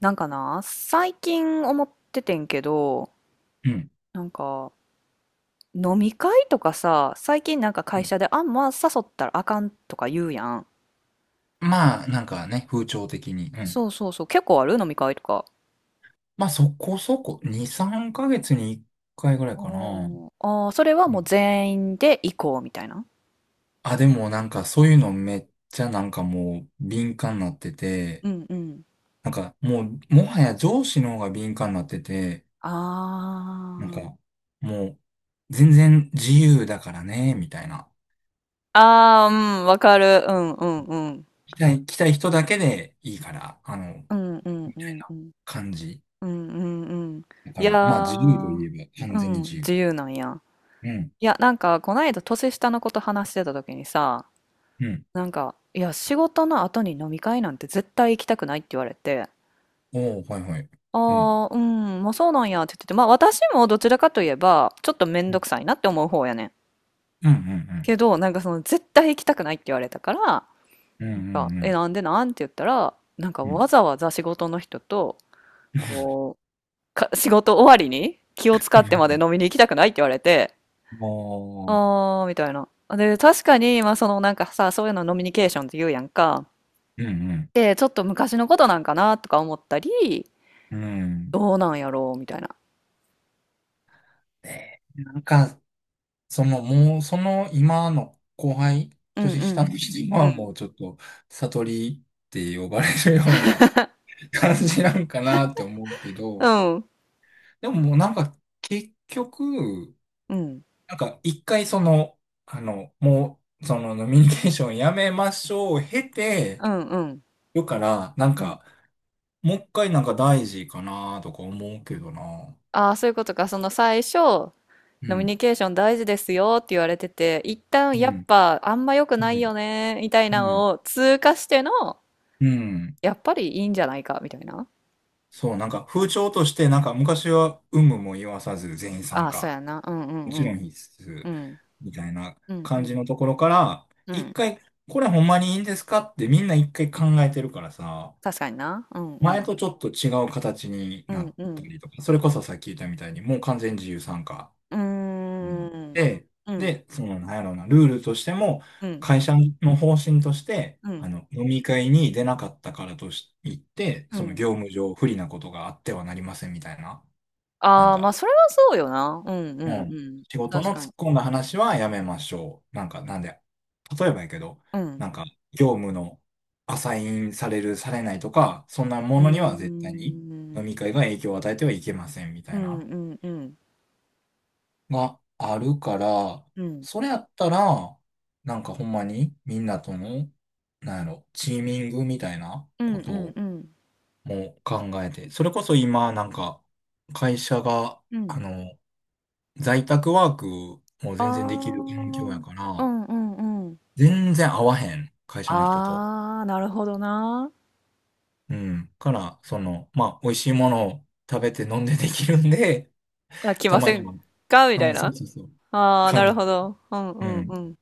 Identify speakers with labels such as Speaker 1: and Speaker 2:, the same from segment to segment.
Speaker 1: なんかな、最近思っててんけど、
Speaker 2: うん。
Speaker 1: なんか、飲み会とかさ、最近なんか会社で、あんま誘ったらあかんとか言うやん。
Speaker 2: まあ、なんかね、風潮的に。うん。
Speaker 1: そうそうそう、結構ある飲み会とか。
Speaker 2: まあ、そこそこ、2、3ヶ月に1回ぐらい
Speaker 1: あ
Speaker 2: かな。
Speaker 1: ーあー、それは
Speaker 2: う
Speaker 1: もう
Speaker 2: ん。
Speaker 1: 全員で行こうみたいな。
Speaker 2: あ、でもなんかそういうのめっちゃもう敏感になってて、
Speaker 1: うんうん。
Speaker 2: なんかもう、もはや上司の方が敏感になってて、
Speaker 1: あ
Speaker 2: なんかもう、全然自由だからね、みたいな。
Speaker 1: あ。ああ、うん、わかる。うんうんうん。
Speaker 2: 来たい人だけでいいから、
Speaker 1: うんうん
Speaker 2: み
Speaker 1: う
Speaker 2: たい
Speaker 1: ん
Speaker 2: な
Speaker 1: うん。
Speaker 2: 感じ。
Speaker 1: うんうんうん。
Speaker 2: だか
Speaker 1: いや
Speaker 2: ら、まあ自由と
Speaker 1: ー、
Speaker 2: いえば完
Speaker 1: う
Speaker 2: 全に
Speaker 1: ん、
Speaker 2: 自由。
Speaker 1: 自由なんや。
Speaker 2: うん。
Speaker 1: いや、なんか、こないだ年下の子と話してた時にさ、
Speaker 2: うん。
Speaker 1: なんか、いや、仕事の後に飲み会なんて絶対行きたくないって言われて、
Speaker 2: おー、はいはい。うん
Speaker 1: ああ、うん、まあそうなんやって言ってて、まあ私もどちらかといえば、ちょっとめん
Speaker 2: う
Speaker 1: ど
Speaker 2: ん
Speaker 1: くさいなって思う方やねん。
Speaker 2: うん
Speaker 1: けど、なんかその、絶対行きたくないって言われたから、
Speaker 2: うんうん
Speaker 1: なん
Speaker 2: う
Speaker 1: か、
Speaker 2: んう
Speaker 1: え、
Speaker 2: ん
Speaker 1: なんでなんって言ったら、なんか
Speaker 2: うんう
Speaker 1: わ
Speaker 2: ん。
Speaker 1: ざわざ仕事の人と、こう、仕事終わりに気を使ってまで飲みに行きたくないって言われて、
Speaker 2: も
Speaker 1: ああ、みたいな。で、確かに、まあそのなんかさ、そういうのノミニケーションって言うやんか。
Speaker 2: う、うんうん、
Speaker 1: て、ちょっと昔のことなんかなとか思ったり、
Speaker 2: うん。
Speaker 1: どうなんやろうみたいな。
Speaker 2: で、なんか、その、もう、その、今の後輩、
Speaker 1: うん
Speaker 2: 年
Speaker 1: う
Speaker 2: 下の
Speaker 1: ん。
Speaker 2: 人今
Speaker 1: う
Speaker 2: はも
Speaker 1: ん。
Speaker 2: うちょっと、悟りって呼ばれるような 感じなんかなって思うけ
Speaker 1: う
Speaker 2: ど、
Speaker 1: ん。
Speaker 2: でももうなんか、結局、
Speaker 1: うん
Speaker 2: なんか、一回その、あの、もう、その、ノミニケーションやめましょう、経て、
Speaker 1: うん。
Speaker 2: よから、なん
Speaker 1: うん。
Speaker 2: か、もう一回なんか大事かなとか思うけどな。
Speaker 1: ああ、そういうことか。その最初、
Speaker 2: う
Speaker 1: 飲み
Speaker 2: ん、
Speaker 1: ニケーション大事ですよって言われてて、一旦
Speaker 2: う
Speaker 1: やっ
Speaker 2: ん、
Speaker 1: ぱあんま良く
Speaker 2: う
Speaker 1: ない
Speaker 2: ん、
Speaker 1: よね、みたいな
Speaker 2: うん、
Speaker 1: のを通過しての、
Speaker 2: うん。
Speaker 1: やっぱりいいんじゃないか、みたいな。
Speaker 2: そう、なんか風潮として昔は有無も言わさず全員
Speaker 1: あ
Speaker 2: 参
Speaker 1: あ、そう
Speaker 2: 加。
Speaker 1: やな。うんうん
Speaker 2: も
Speaker 1: う
Speaker 2: ちろ
Speaker 1: ん。
Speaker 2: ん必須。
Speaker 1: うん。
Speaker 2: みたいな
Speaker 1: うんう
Speaker 2: 感じ
Speaker 1: ん。
Speaker 2: のところから、
Speaker 1: う
Speaker 2: 一
Speaker 1: ん。
Speaker 2: 回、これほんまにいいんですかってみんな一回考えてるからさ、
Speaker 1: 確かにな。うんう
Speaker 2: 前
Speaker 1: ん。
Speaker 2: とちょっと違う形に
Speaker 1: う
Speaker 2: な
Speaker 1: ん
Speaker 2: っ
Speaker 1: う
Speaker 2: た
Speaker 1: ん。
Speaker 2: りとか、それこそさっき言ったみたいにもう完全自由参加。
Speaker 1: うーん。
Speaker 2: で、
Speaker 1: うん。
Speaker 2: で、その、なんやろうな、ルールとしても、
Speaker 1: うん。
Speaker 2: 会社の方針として、
Speaker 1: うん。
Speaker 2: 飲み会に出なかったからとし言って、
Speaker 1: う
Speaker 2: その
Speaker 1: ん。
Speaker 2: 業務上不利なことがあってはなりませんみたいな、なん
Speaker 1: ああ、まあ、
Speaker 2: か、
Speaker 1: それはそうよな。うんうんう
Speaker 2: うん、
Speaker 1: ん。
Speaker 2: 仕事
Speaker 1: 確
Speaker 2: の
Speaker 1: か
Speaker 2: 突
Speaker 1: に。
Speaker 2: っ込んだ話はやめましょう。なんか、なんで、例えばやけど、
Speaker 1: うん。
Speaker 2: なんか、業務のアサインされる、されないとか、そんな
Speaker 1: う
Speaker 2: も
Speaker 1: ー
Speaker 2: のには絶対に飲
Speaker 1: ん。
Speaker 2: み会が影響を与えてはいけませんみ
Speaker 1: う
Speaker 2: たい
Speaker 1: ん
Speaker 2: な。
Speaker 1: うんうん。
Speaker 2: があるから、
Speaker 1: うん。
Speaker 2: それやったら、なんかほんまにみんなとの、なんやろ、チーミングみたいな
Speaker 1: うん
Speaker 2: こと
Speaker 1: うん
Speaker 2: を
Speaker 1: うん。
Speaker 2: もう考えて、それこそ今なんか会社が、
Speaker 1: うん。
Speaker 2: 在宅ワークも
Speaker 1: ああ。う
Speaker 2: 全然できる環境や
Speaker 1: ん
Speaker 2: か
Speaker 1: う
Speaker 2: ら、
Speaker 1: んうん。
Speaker 2: 全然合わへん、会社の人と。
Speaker 1: ああ、なるほどな。
Speaker 2: うん。から、その、まあ、美味しいものを食べて飲んでできるんで、
Speaker 1: いや、来
Speaker 2: た
Speaker 1: ま
Speaker 2: ま
Speaker 1: せ
Speaker 2: に
Speaker 1: ん
Speaker 2: は、
Speaker 1: か？み
Speaker 2: あ
Speaker 1: たい
Speaker 2: の、そう
Speaker 1: な。
Speaker 2: そうそう、
Speaker 1: ああ、な
Speaker 2: 感
Speaker 1: る
Speaker 2: じ、
Speaker 1: ほど。うんう
Speaker 2: う
Speaker 1: んう
Speaker 2: ん、
Speaker 1: ん。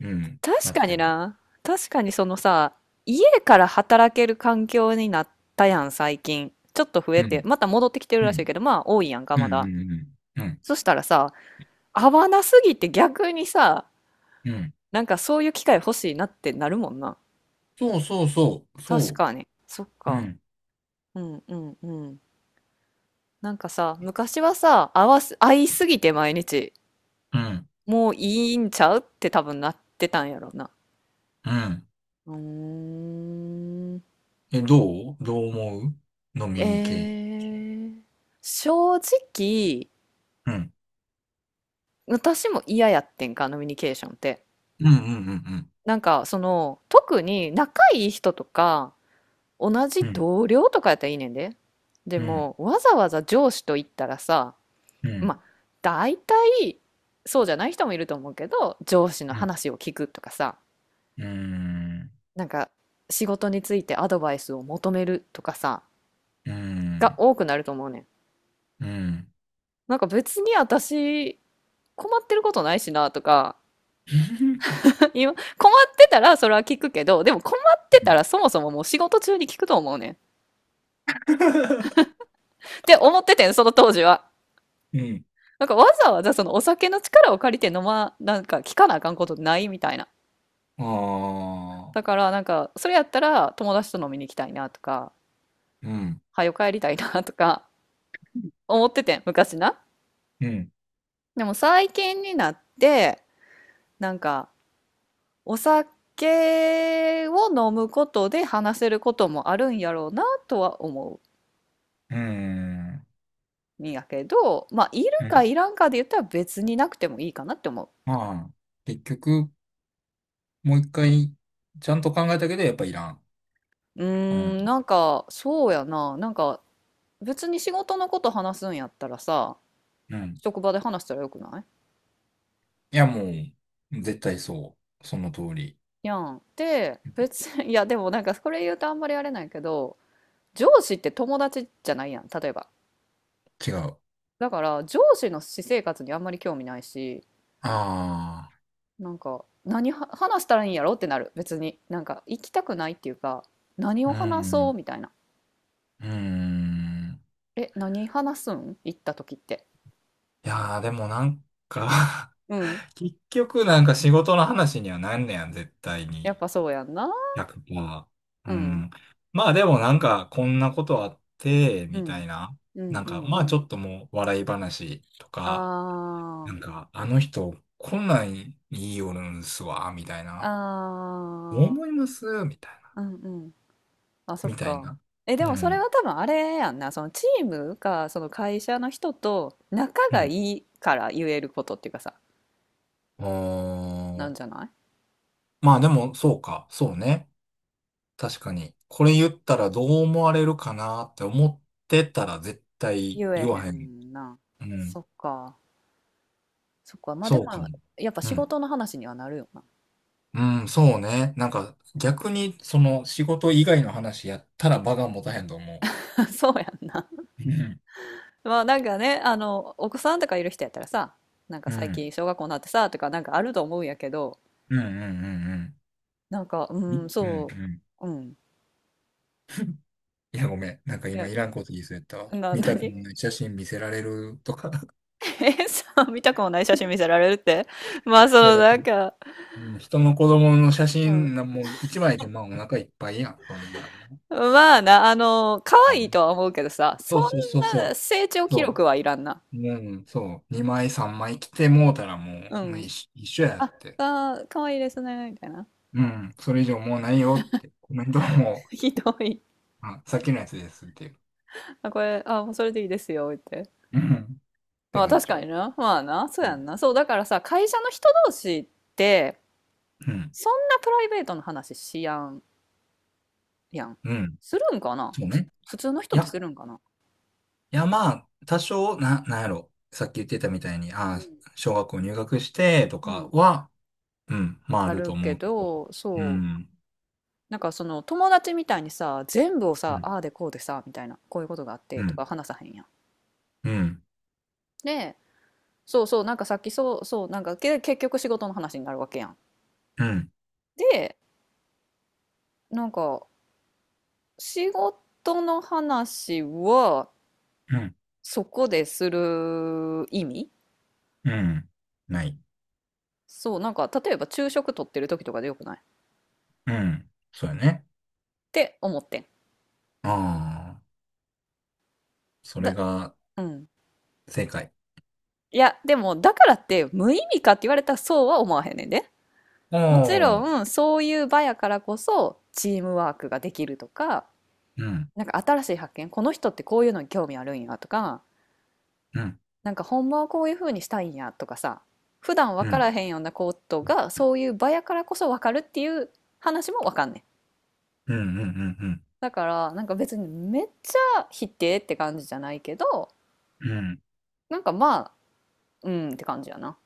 Speaker 2: うん、
Speaker 1: 確
Speaker 2: なっ
Speaker 1: か
Speaker 2: て
Speaker 1: に
Speaker 2: る。
Speaker 1: な。確かにそのさ、家から働ける環境になったやん、最近。ちょっと増
Speaker 2: う
Speaker 1: えて、
Speaker 2: ん
Speaker 1: また戻ってきてる
Speaker 2: う
Speaker 1: らしい
Speaker 2: ん。
Speaker 1: けど、まあ多いやんか、
Speaker 2: うん。う
Speaker 1: まだ。
Speaker 2: ん。うん。
Speaker 1: そしたらさ、合わなすぎて逆にさ、
Speaker 2: うんうん
Speaker 1: なんかそういう機会欲しいなってなるもんな。
Speaker 2: そうそうそう。
Speaker 1: 確
Speaker 2: そ
Speaker 1: かに。そっ
Speaker 2: う。う
Speaker 1: か。
Speaker 2: ん。
Speaker 1: うんうんうん。なんかさ、昔はさ、合いすぎて毎日、
Speaker 2: うん。
Speaker 1: もういいんちゃうって多分なってたんやろな。
Speaker 2: うん。
Speaker 1: うーん。
Speaker 2: え、どう思う飲みに系。
Speaker 1: えー、正直、
Speaker 2: うん。
Speaker 1: 私も嫌やってんか、飲みニケーションって。
Speaker 2: うん。うん。
Speaker 1: なんか、その、特に仲いい人とか、同じ
Speaker 2: うん。うん。
Speaker 1: 同僚とかやったらいいねんで。で
Speaker 2: うん。
Speaker 1: も、わざわざ上司と言ったらさ、
Speaker 2: う
Speaker 1: ま
Speaker 2: ん。
Speaker 1: あ、大体、そうじゃない人もいると思うけど、上司の話を聞くとかさ、
Speaker 2: うん。うん。
Speaker 1: なんか、仕事についてアドバイスを求めるとかさ、が多くなると思うねん。
Speaker 2: うん。
Speaker 1: なんか別に私、困ってることないしなとか 今、困ってたらそれは聞くけど、でも困ってたらそもそももう仕事中に聞くと思うねん。って思っててん、その当時は。
Speaker 2: うん。
Speaker 1: なんかわざわざそのお酒の力を借りてなんか聞かなあかんことないみたいな。
Speaker 2: ああ。
Speaker 1: だからなんか、それやったら友達と飲みに行きたいなとか、
Speaker 2: うん。
Speaker 1: はよ帰りたいなとか思っててん、昔な。
Speaker 2: うん。
Speaker 1: でも最近になって、なんか、お酒を飲むことで話せることもあるんやろうなとは思
Speaker 2: うん。
Speaker 1: うんやけど、まあ、いる
Speaker 2: う
Speaker 1: かい
Speaker 2: ん。
Speaker 1: らんかで言ったら別になくてもいいかなって思
Speaker 2: まあ、結局、もう一回、ちゃんと考えたけど、やっぱいらん。
Speaker 1: う。う
Speaker 2: うん。
Speaker 1: ーん、なんか、そうやな。なんか、別に仕事のこと話すんやったらさ、
Speaker 2: うん。
Speaker 1: 職場で話したらよくな
Speaker 2: いや、もう、絶対そう。その通り。
Speaker 1: いやん。で、別に、いや、でもなんか、これ言うとあんまりあれないけど、上司って友達じゃないやん、例えば。
Speaker 2: 違う。
Speaker 1: だから、上司の私生活にあんまり興味ないし、
Speaker 2: ああ、
Speaker 1: なんか、何は話したらいいんやろってなる、別に。なんか、行きたくないっていうか、何
Speaker 2: う
Speaker 1: を話そう
Speaker 2: ん、
Speaker 1: みたいな。
Speaker 2: うん。
Speaker 1: え、何話すん行った時って。
Speaker 2: いやー、でもなんか、
Speaker 1: うん。
Speaker 2: 結局なんか仕事の話にはなんねやん、絶対
Speaker 1: やっ
Speaker 2: に。
Speaker 1: ぱそうやんな。
Speaker 2: 100%。う
Speaker 1: うん。
Speaker 2: ん。まあでもなんか、こんなことあって、
Speaker 1: う
Speaker 2: みた
Speaker 1: ん。
Speaker 2: いな。
Speaker 1: うん
Speaker 2: なん
Speaker 1: う
Speaker 2: か、
Speaker 1: ん
Speaker 2: ま
Speaker 1: う
Speaker 2: あち
Speaker 1: ん。
Speaker 2: ょっともう笑い話と
Speaker 1: あ
Speaker 2: か、なんか、あの人、こんなんいいよるんすわ、みたい
Speaker 1: あ。
Speaker 2: な。
Speaker 1: あ
Speaker 2: 思
Speaker 1: あ。
Speaker 2: いますみたいな。
Speaker 1: うんうん。あ、そ
Speaker 2: み
Speaker 1: っ
Speaker 2: たい
Speaker 1: か。
Speaker 2: な。
Speaker 1: え、で
Speaker 2: う
Speaker 1: もそれ
Speaker 2: ん。
Speaker 1: は多分あれやんな。そのチームか、その会社の人と仲
Speaker 2: う
Speaker 1: がい
Speaker 2: ん
Speaker 1: いから言えることっていうかさ、
Speaker 2: うー
Speaker 1: なん
Speaker 2: ん。
Speaker 1: じゃない
Speaker 2: まあでも、そうか。そうね。確かに。これ言ったらどう思われるかなって思ってたら絶対
Speaker 1: 言え
Speaker 2: 言
Speaker 1: へ
Speaker 2: わへん。
Speaker 1: んな。
Speaker 2: うん。
Speaker 1: そっか。そっか。まあで
Speaker 2: そうか
Speaker 1: も、
Speaker 2: も。
Speaker 1: やっぱ
Speaker 2: う
Speaker 1: 仕
Speaker 2: ん。
Speaker 1: 事の話にはなるよな。
Speaker 2: うん、そうね。なんか、逆に、その、仕事以外の話やったら場が持たへんと思
Speaker 1: そうやんな。
Speaker 2: う。うん。
Speaker 1: まあなんかね、あの、お子さんとかいる人やったらさ、なんか
Speaker 2: う
Speaker 1: 最
Speaker 2: ん。
Speaker 1: 近小学校になってさ、とかなんかあると思うんやけど、
Speaker 2: うんうんうんうん。
Speaker 1: なんか、う
Speaker 2: み
Speaker 1: ん、
Speaker 2: うんう
Speaker 1: そ
Speaker 2: ん。
Speaker 1: う、うん。
Speaker 2: いや、ごめん。なんか
Speaker 1: い
Speaker 2: 今
Speaker 1: や、
Speaker 2: いらんこと言いそうやったわ。見たくも
Speaker 1: 何
Speaker 2: ない写真見せられるとか。
Speaker 1: え、さ、見たくもない写真見せられるって まあそ
Speaker 2: いや
Speaker 1: の
Speaker 2: だ。う
Speaker 1: なんか、
Speaker 2: ん、人の子供の写
Speaker 1: うん。
Speaker 2: 真な、もう一枚でまあお腹いっぱいやん、そんなんな。
Speaker 1: まあな、あの、可
Speaker 2: う
Speaker 1: 愛い
Speaker 2: ん、
Speaker 1: とは思うけどさ、そ
Speaker 2: そうそう
Speaker 1: ん
Speaker 2: そう
Speaker 1: な
Speaker 2: そ
Speaker 1: 成長
Speaker 2: う。
Speaker 1: 記
Speaker 2: そ
Speaker 1: 録はいらんな。
Speaker 2: う。うん、そう。2枚3枚来てもうたらも
Speaker 1: う
Speaker 2: う、もう一
Speaker 1: ん。
Speaker 2: 緒、一緒やっ
Speaker 1: あ、
Speaker 2: て。
Speaker 1: あー、可愛いですね、みたいな。
Speaker 2: うん、それ以上もうないよって。コメントはも
Speaker 1: ひどい。
Speaker 2: う、あ、さっきのやつですっていう。
Speaker 1: あ、これ、あ、もうそれでいいですよ、って。
Speaker 2: うん、っ
Speaker 1: ま
Speaker 2: て
Speaker 1: あ
Speaker 2: なっ
Speaker 1: 確
Speaker 2: ちゃ
Speaker 1: かに
Speaker 2: う。
Speaker 1: な。まあな、そう
Speaker 2: う
Speaker 1: や
Speaker 2: ん。
Speaker 1: んな。そう、だからさ、会社の人同士って、
Speaker 2: うん。
Speaker 1: そんなプライベートの話しやん、やん。
Speaker 2: うん。
Speaker 1: するんかな
Speaker 2: そう
Speaker 1: ふ、
Speaker 2: ね。
Speaker 1: 普通の人
Speaker 2: い
Speaker 1: って
Speaker 2: や、
Speaker 1: するんかな。
Speaker 2: いやまあ、多少、なんやろ。さっき言ってたみたいに、
Speaker 1: う
Speaker 2: ああ、
Speaker 1: ん。
Speaker 2: 小学校入学してと
Speaker 1: う
Speaker 2: か
Speaker 1: ん。
Speaker 2: は、うん、まああ
Speaker 1: あ
Speaker 2: る
Speaker 1: る
Speaker 2: と思
Speaker 1: け
Speaker 2: うけど。
Speaker 1: ど、
Speaker 2: う
Speaker 1: そう。
Speaker 2: ん。
Speaker 1: なんかその友達みたいにさ、全部を
Speaker 2: う
Speaker 1: さ、
Speaker 2: ん、
Speaker 1: ああでこうでさ、みたいな、こういうことがあって
Speaker 2: う
Speaker 1: と
Speaker 2: ん、
Speaker 1: か話さへんやん。
Speaker 2: うん、
Speaker 1: で、そうそう、なんかさっき、そうそう、なんかけ、結局仕事の話になるわけやん。
Speaker 2: うん、
Speaker 1: で、なんか仕事の話は
Speaker 2: うん、
Speaker 1: そこでする意味、
Speaker 2: うんない。
Speaker 1: そうなんか、例えば昼食取ってる時とかでよくないっ
Speaker 2: うん。そうやね。
Speaker 1: て思ってん。
Speaker 2: ああ、それ
Speaker 1: だ、
Speaker 2: が
Speaker 1: うん。
Speaker 2: 正解。
Speaker 1: いやでもだからって無意味かって言われたら、そうは思わへんねんで。
Speaker 2: あ
Speaker 1: もち
Speaker 2: あ、うん、
Speaker 1: ろんそういう場やからこそチームワークができるとか、
Speaker 2: うん、
Speaker 1: なんか新しい発見、この人ってこういうのに興味あるんやとか、
Speaker 2: うん、
Speaker 1: なんかほんまはこういう風にしたいんやとかさ、普段分
Speaker 2: う
Speaker 1: か
Speaker 2: ん、
Speaker 1: らへんようなことがそういう場やからこそ分かるっていう話も分かんねん。
Speaker 2: うん、うん、うん、
Speaker 1: だからなんか別にめっちゃ否定って感じじゃないけど、
Speaker 2: うん。
Speaker 1: なんかまあ、うんって感じやな。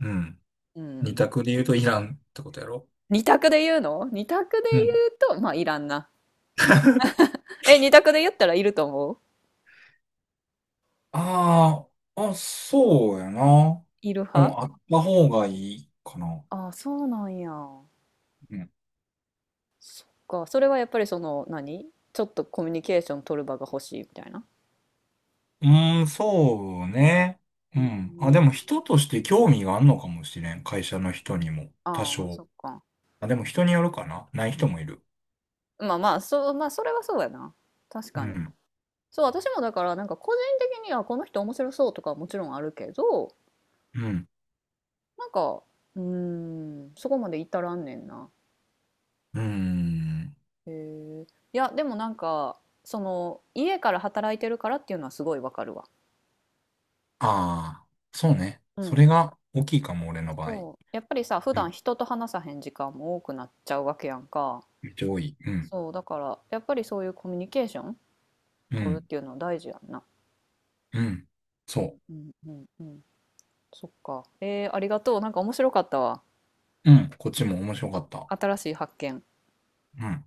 Speaker 2: うん、
Speaker 1: う
Speaker 2: 二
Speaker 1: ん。
Speaker 2: 択で言うとイランってことやろ。
Speaker 1: 二択で
Speaker 2: う
Speaker 1: 言
Speaker 2: ん。
Speaker 1: うと、まあいらんな。え、二択で言ったらいると思う、
Speaker 2: ああ、あ、そうやな。
Speaker 1: いる
Speaker 2: うん、
Speaker 1: 派。
Speaker 2: あった方がいいかな。
Speaker 1: あ、そうなんや。
Speaker 2: うん、
Speaker 1: か、それはやっぱりその、何ちょっとコミュニケーション取る場が欲しいみたいな。
Speaker 2: うんそうね。
Speaker 1: う
Speaker 2: う
Speaker 1: ん。
Speaker 2: ん。あ、でも人として興味があるのかもしれん。会社の人にも。多
Speaker 1: ああ、
Speaker 2: 少。
Speaker 1: そっか。
Speaker 2: あ、でも人によるかな。ない人もいる。
Speaker 1: まあまあ、そう、まあそれはそうやな。確
Speaker 2: う
Speaker 1: かに。
Speaker 2: ん。
Speaker 1: そう、私もだからなんか個人的にはこの人面白そうとかはもちろんあるけど、
Speaker 2: うん。
Speaker 1: なんか、うーん、そこまで至らんねんな。
Speaker 2: うーん。
Speaker 1: へえ。いや、でもなんか、その、家から働いてるからっていうのはすごいわかるわ。
Speaker 2: ああ、そうね。
Speaker 1: う
Speaker 2: そ
Speaker 1: ん。
Speaker 2: れが大きいかも、俺の場合。
Speaker 1: そう、やっぱりさ、普
Speaker 2: う
Speaker 1: 段
Speaker 2: ん。
Speaker 1: 人と話さへん時間も多くなっちゃうわけやんか。
Speaker 2: めっちゃ多い。うん。
Speaker 1: そう、だから、やっぱりそういうコミュニケーション
Speaker 2: う
Speaker 1: 取る
Speaker 2: ん。
Speaker 1: っていうのは大事やんな。
Speaker 2: うん。
Speaker 1: うん
Speaker 2: そ
Speaker 1: うんうんうん。そっか。えー、ありがとう。なんか面白かったわ。
Speaker 2: う。うん。こっちも面白かった。
Speaker 1: 新しい発見。
Speaker 2: うん。